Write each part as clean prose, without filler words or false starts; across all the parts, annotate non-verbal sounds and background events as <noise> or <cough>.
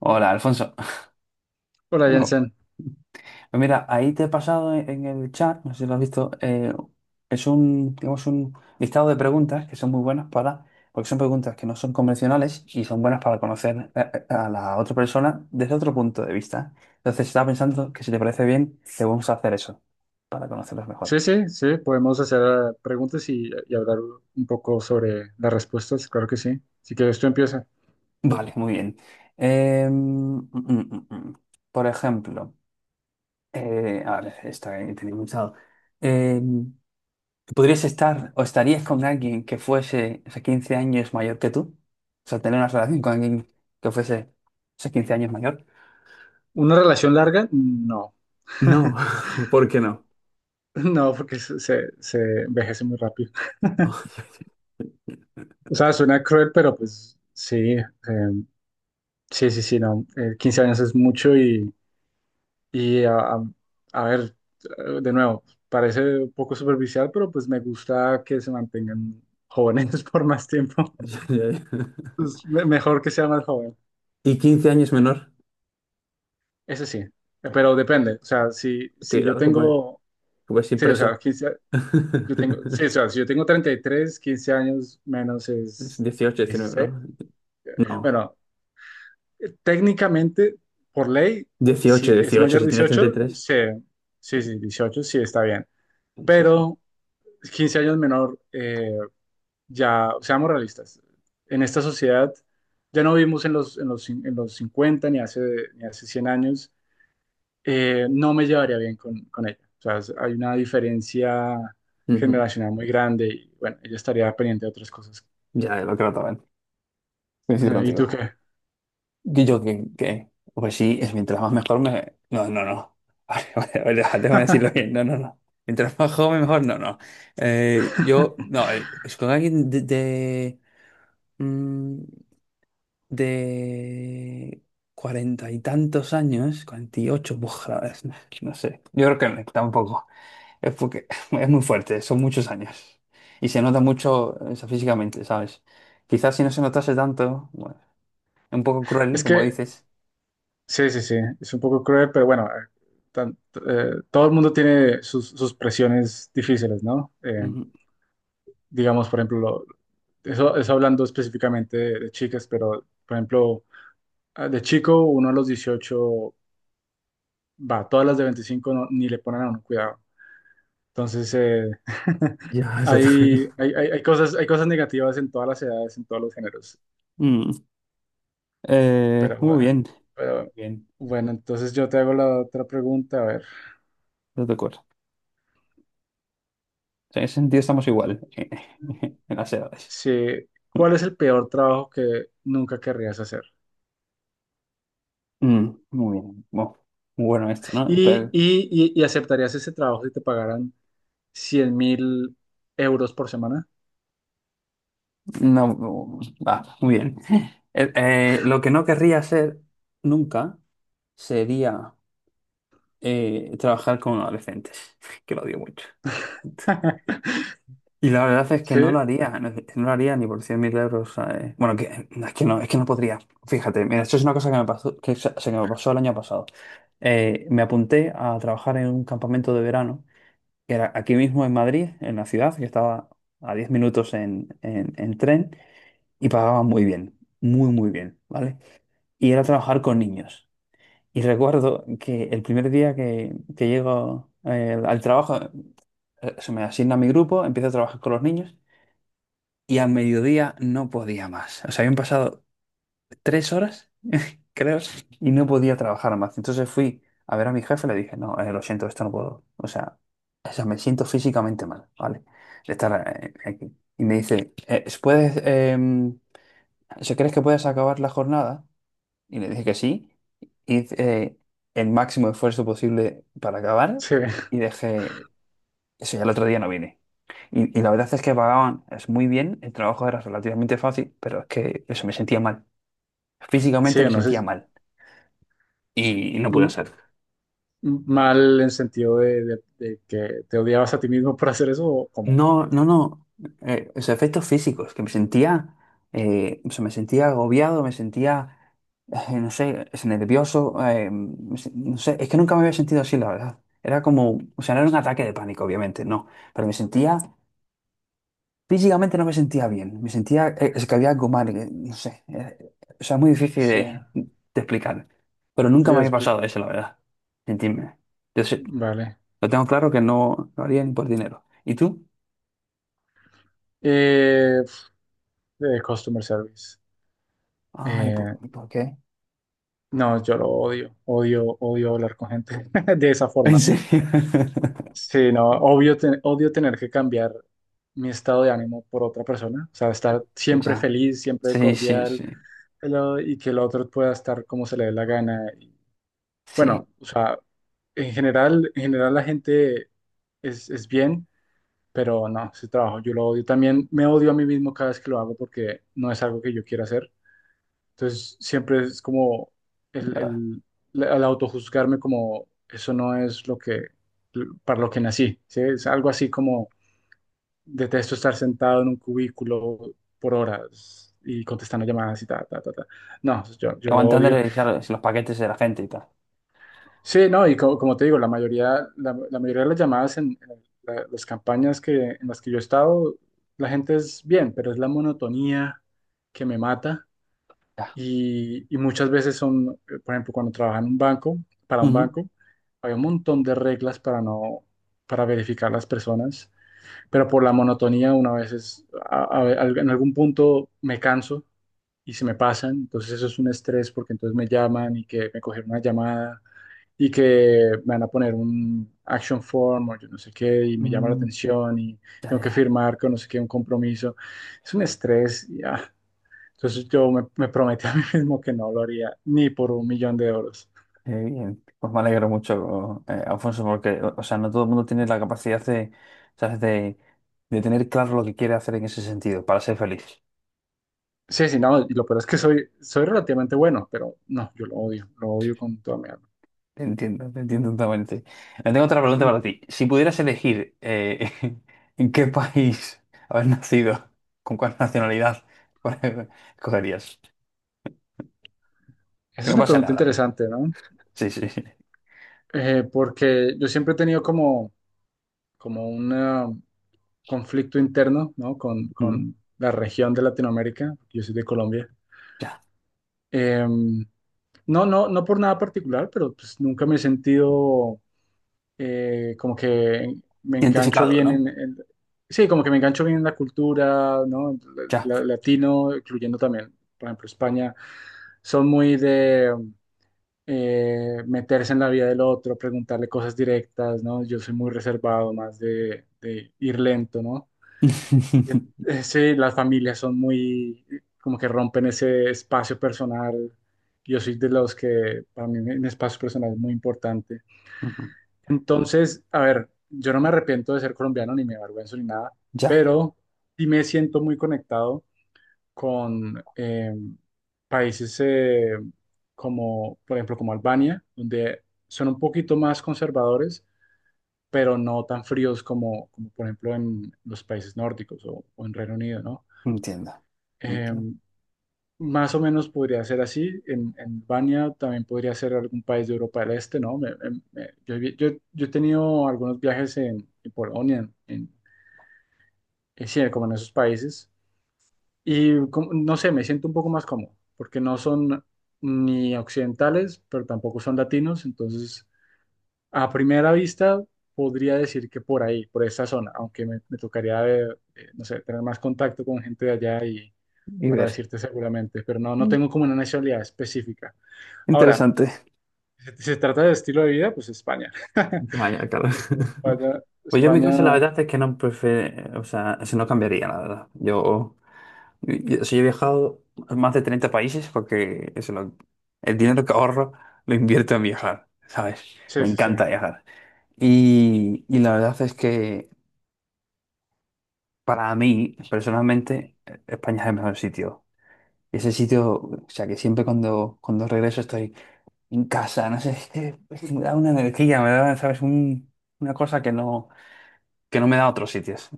Hola, Alfonso. Hola, De nuevo. Jensen. Pues mira, ahí te he pasado en el chat, no sé si lo has visto, es un, digamos, un listado de preguntas que son muy buenas para, porque son preguntas que no son convencionales y son buenas para conocer a la otra persona desde otro punto de vista. Entonces estaba pensando que si te parece bien, te vamos a hacer eso para conocerlos mejor. Sí, sí, sí, podemos hacer preguntas y hablar un poco sobre las respuestas, claro que sí. Si quieres, tú empieza. <laughs> Vale, muy bien. Eh, mm, mm, mm, mm. Por ejemplo, a ver, esta que tenía pensado. ¿Podrías estar o estarías con alguien que fuese, o sea, 15 años mayor que tú? O sea, tener una relación con alguien que fuese, o sea, 15 años mayor. ¿Una relación larga? No, No, <laughs> <laughs> ¿por qué no? no, porque se envejece muy rápido. <laughs> O sea, suena cruel, pero pues sí, sí, sí, sí, no. 15 años es mucho y a, a- a ver, de nuevo, parece un poco superficial, pero pues me gusta que se mantengan jóvenes <laughs> por más tiempo. Ya, ya, ya. Pues, mejor que sea más joven. Y 15 años menor. Ese sí, pero depende. O sea, si, si yo Cuidado que puedes, que tengo, puedes ir sí, o preso. sea, yo tengo, sí, o sea, <laughs> si yo tengo 33, 15 años menos Es es 18, 19, 16. ¿no? No. Bueno, técnicamente, por ley, 18, si es 18, mayor de si tienes 18, 33. Sí, Sí, sí, 18, sí está bien. sí, sí. Pero 15 años menor, ya, seamos realistas, en esta sociedad ya no vivimos en los 50 ni hace, ni hace 100 años, no me llevaría bien con ella. O sea, hay una diferencia Ujú. generacional muy grande y bueno, ella estaría pendiente de otras cosas. Ya, lo creo también. Coincido <laughs> ¿Y contigo. tú qué? Yo, pues sí, es mientras más mejor me... No, no, no. <laughs> Vale, vale, vale, vale, déjame decirlo <laughs> bien. No, no, no. Mientras más joven mejor, no, no. Yo, no, es con alguien mm, de cuarenta y tantos años, 48, buf, no, no sé. Yo creo que no, tampoco. Es porque <laughs> es muy fuerte, son muchos años. Y se nota mucho, o sea, físicamente, ¿sabes? Quizás si no se notase tanto, bueno, es un poco cruel, Es como que, dices. sí, sí, sí, es un poco cruel, pero bueno, tan- todo el mundo tiene sus, sus presiones difíciles, ¿no? Digamos, por ejemplo, eso, eso hablando específicamente de chicas, pero por ejemplo, ah, de chico, uno a los 18 va, todas las de 25 ni le ponen a uno cuidado. Entonces, <laughs> Ya, <laughs> exactamente. Hay cosas negativas en todas las edades, en todos los géneros. Mm, Pero muy bueno, bien, pero, bien, bueno, entonces yo te hago la otra pregunta, a ver. no te acuerdo. O sea, en ese sentido estamos igual <laughs> en las edades. Sí, ¿cuál es el peor trabajo que nunca querrías hacer? Muy bien, muy bueno esto, ¿no? ¿Y, Pero, y, y, y aceptarías ese trabajo si te pagaran 100.000 euros por semana? no, no, va, muy bien. <laughs> Lo que no querría hacer nunca sería trabajar con adolescentes, <laughs> que lo odio mucho. <laughs> Y la verdad es que Sí, no lo haría, no lo haría ni por 100.000 euros. ¿Sabes? Bueno, que, no, es que no, es que no podría. Fíjate, mira, esto es una cosa que me pasó, que, se me pasó el año pasado. Me apunté a trabajar en un campamento de verano, que era aquí mismo en Madrid, en la ciudad, que estaba a 10 minutos en tren, y pagaban muy bien, muy, muy bien, ¿vale? Y era trabajar con niños. Y recuerdo que el primer día que llego al trabajo, se me asigna mi grupo, empiezo a trabajar con los niños y a mediodía no podía más. O sea, habían pasado 3 horas, creo, y no podía trabajar más. Entonces fui a ver a mi jefe y le dije, no, lo siento, esto no puedo. O sea, me siento físicamente mal, ¿vale? De estar aquí. Y me dice, ¿ o sea, crees que puedes acabar la jornada? Y le dije que sí. Hice eh, el máximo esfuerzo posible para acabar sí, y dejé, eso ya el otro día no vine. Y la verdad es que pagaban es muy bien, el trabajo era relativamente fácil, pero es que eso me sentía mal. sí, Físicamente me no sé, sentía mal y no pude m- hacer. Mal en sentido de, de que te odiabas a ti mismo por hacer eso o cómo. No, no, no. Los efectos físicos, que me sentía, o sea, me sentía agobiado, me sentía, no sé, es nervioso, no sé, es que nunca me había sentido así, la verdad. Era como, o sea, no era un ataque de pánico, obviamente, no, pero me sentía. Físicamente no me sentía bien, me sentía, es que había algo mal, que, no sé, o sea, muy difícil Sí. de explicar, pero Sí, nunca me había pasado eso, la verdad, sentirme. Entonces, vale. lo tengo claro que no lo haría ni por dinero. ¿Y tú? Eh, customer service. Ay, ¿por, Eh, por qué? no, yo lo odio. Odio, odio hablar con gente <laughs> de esa ¿En forma, ¿no? serio? <laughs> Sí, no, odio tener que cambiar mi estado de ánimo por otra persona. O sea, estar siempre Ya. feliz, siempre Sí, sí, cordial, sí, y que el otro pueda estar como se le dé la gana. Y, sí, bueno, o sea, en general la gente es bien, pero no, ese trabajo yo lo odio. También me odio a mí mismo cada vez que lo hago porque no es algo que yo quiera hacer. Entonces siempre es como el, ya. el, el autojuzgarme como eso no es lo que, para lo que nací, ¿sí? Es algo así como detesto estar sentado en un cubículo por horas y contestando llamadas y ta, ta, ta, ta. No, yo lo odio. Aguantándole, claro, los paquetes de la gente y tal. Sí, no, y como, te digo, la mayoría, la mayoría de las llamadas en, las campañas que, en las que yo he estado, la gente es bien, pero es la monotonía que me mata. Ya. Y muchas veces son, por ejemplo, cuando trabajaba en un banco, para un Ujú. banco, había un montón de reglas para no, para verificar las personas, pero por la monotonía una vez es, en algún punto me canso y se me pasan, entonces eso es un estrés porque entonces me llaman y que me cogieron una llamada y que me van a poner un action form o yo no sé qué y me llama la Mm, atención y ya, tengo que ya. firmar con no sé qué un compromiso. Es un estrés y ah, entonces yo me, me prometí a mí <laughs> mismo que no lo haría ni por 1.000.000 de euros. Qué bien. Pues me alegro mucho, Alfonso, porque, o sea, no todo el mundo tiene la capacidad de, ¿sabes? De tener claro lo que quiere hacer en ese sentido, para ser feliz. Sí, sí, no, y lo peor es que soy, soy relativamente bueno, pero no, yo lo odio con toda mi alma. Te entiendo totalmente. Tengo otra pregunta Mm. para ti. Si pudieras elegir <laughs> en qué país haber nacido, con cuál nacionalidad, <laughs> cuál escogerías. Esa Que es no una pasa pregunta nada. interesante, ¿no? Sí, sí, sí. Porque yo siempre he tenido como, como un conflicto interno, ¿no? Mm, Con la región de Latinoamérica, yo soy de Colombia. Ya. Em, no, no, no por nada particular, pero pues nunca me he sentido como que me engancho Identificado, bien ¿no? Sí, como que me engancho bien en la cultura, ¿no? Ya. Latino, incluyendo también, por ejemplo, España, son muy de meterse en la vida del otro, preguntarle cosas directas, ¿no? Yo soy muy reservado, más de ir lento, ¿no? En- <laughs> Sí, las familias son muy, como que rompen ese espacio personal. Yo soy de los que, para mí, un espacio personal es muy importante. Ujú. Entonces, a ver, yo no me arrepiento de ser colombiano ni me avergüenzo ni nada, Ya. pero sí me siento muy conectado con países como, por ejemplo, como Albania, donde son un poquito más conservadores, pero no tan fríos como, como por ejemplo, en los países nórdicos o en Reino Unido, ¿no? Entiendo. Eh, Entiendo. más o menos podría ser así. En Albania también podría ser algún país de Europa del Este, ¿no? Yo he tenido algunos viajes en Polonia, sí, como en esos países, y no sé, me siento un poco más cómodo, porque no son ni occidentales, pero tampoco son latinos, entonces a primera vista podría decir que por ahí, por esa zona, aunque me tocaría, no sé, tener más contacto con gente de allá Y para ver. decirte seguramente, pero no, no tengo como una nacionalidad específica. Ahora, Interesante. si si se trata de estilo de vida, pues España, <laughs> Vaya, claro. porque en <laughs> España, Pues yo en mi caso la España, verdad es que no prefiero, o sea, eso no cambiaría, la verdad. Yo, o he viajado a más de 30 países porque eso, el dinero que ahorro lo invierto en viajar, ¿sabes? Me sí, sí, sí. encanta viajar. Y la verdad es que para mí, personalmente, España es el mejor sitio. Y ese sitio, o sea, que siempre cuando regreso estoy en casa, no sé, es que me da una energía, me da, ¿sabes? Una cosa que no me da a otros sitios.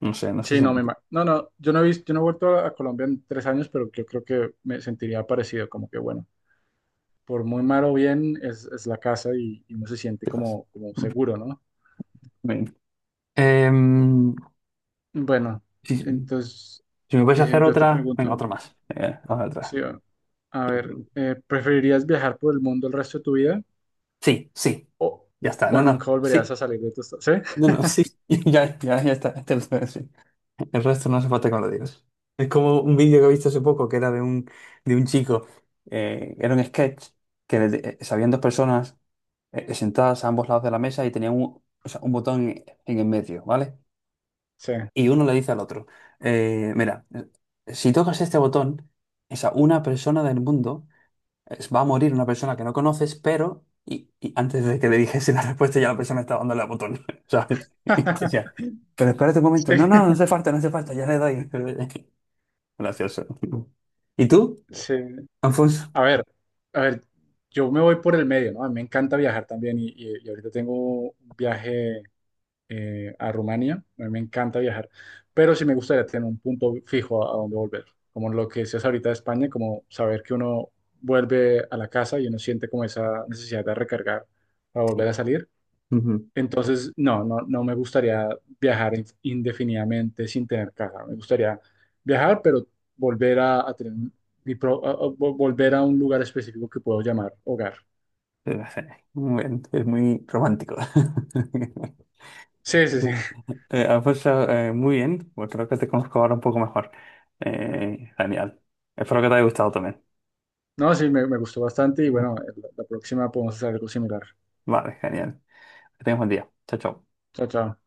No sé, no sé Sí, si me no, no, no, yo no he visto, yo no he vuelto a Colombia en 3 años, pero yo creo que me sentiría parecido, como que bueno, por muy mal o bien es la casa y uno se siente entiendes. como, como seguro, ¿no? Bien. Em, Bueno, si, entonces si me puedes hacer yo te otra, venga, pregunto, otra más. Hazme sí, otra. A ver, ¿preferirías viajar por el mundo el resto de tu vida? Sí, sí, ¿O, ya está. o No, nunca no, volverías a sí. salir de tu estado? ¿Sí? No, no, sí. <laughs> Ya, ya, ya está. Este lo tengo, sí. El resto no hace falta que me lo digas. Es como un vídeo que he visto hace poco que era de un, chico. Era un sketch habían dos personas sentadas a ambos lados de la mesa y tenían un, o sea, un botón en el medio, ¿vale? Sí. Y uno le dice al otro, mira, si tocas este botón, esa una persona del mundo va a morir, una persona que no conoces, pero... Y antes de que le dijese la <laughs> respuesta, ya la persona estaba dándole al botón, <laughs> ¿sabes? Y decía, <laughs> pero espérate un Sí. momento. No, no, no hace falta, no hace falta, ya le doy. <laughs> Gracioso. ¿Y tú, Sí. Alfonso? A ver, a ver, yo me voy por el medio, ¿no? A mí me encanta viajar también y ahorita tengo un viaje a Rumania. A mí me encanta viajar, pero sí me gustaría tener un punto fijo a donde volver. Como lo que decías ahorita de España, como saber que uno vuelve a la casa y uno siente como esa necesidad de recargar para volver Sí. a salir. Ujú. Entonces, no, no, no me gustaría viajar indefinidamente sin tener casa. Me gustaría viajar, pero volver a tener mi pro- a- vol- volver a un lugar específico que puedo llamar hogar. <laughs> Muy bien, es muy romántico. Sí, sí, sí. <laughs> <laughs> Pues, muy bien, pues creo que te conozco ahora un poco mejor. Genial. Espero que te haya gustado también. No, sí, me gustó bastante y bueno, la la próxima podemos hacer algo similar. Vale, genial. Que tengas buen día. Chao, chao. Chao, chao.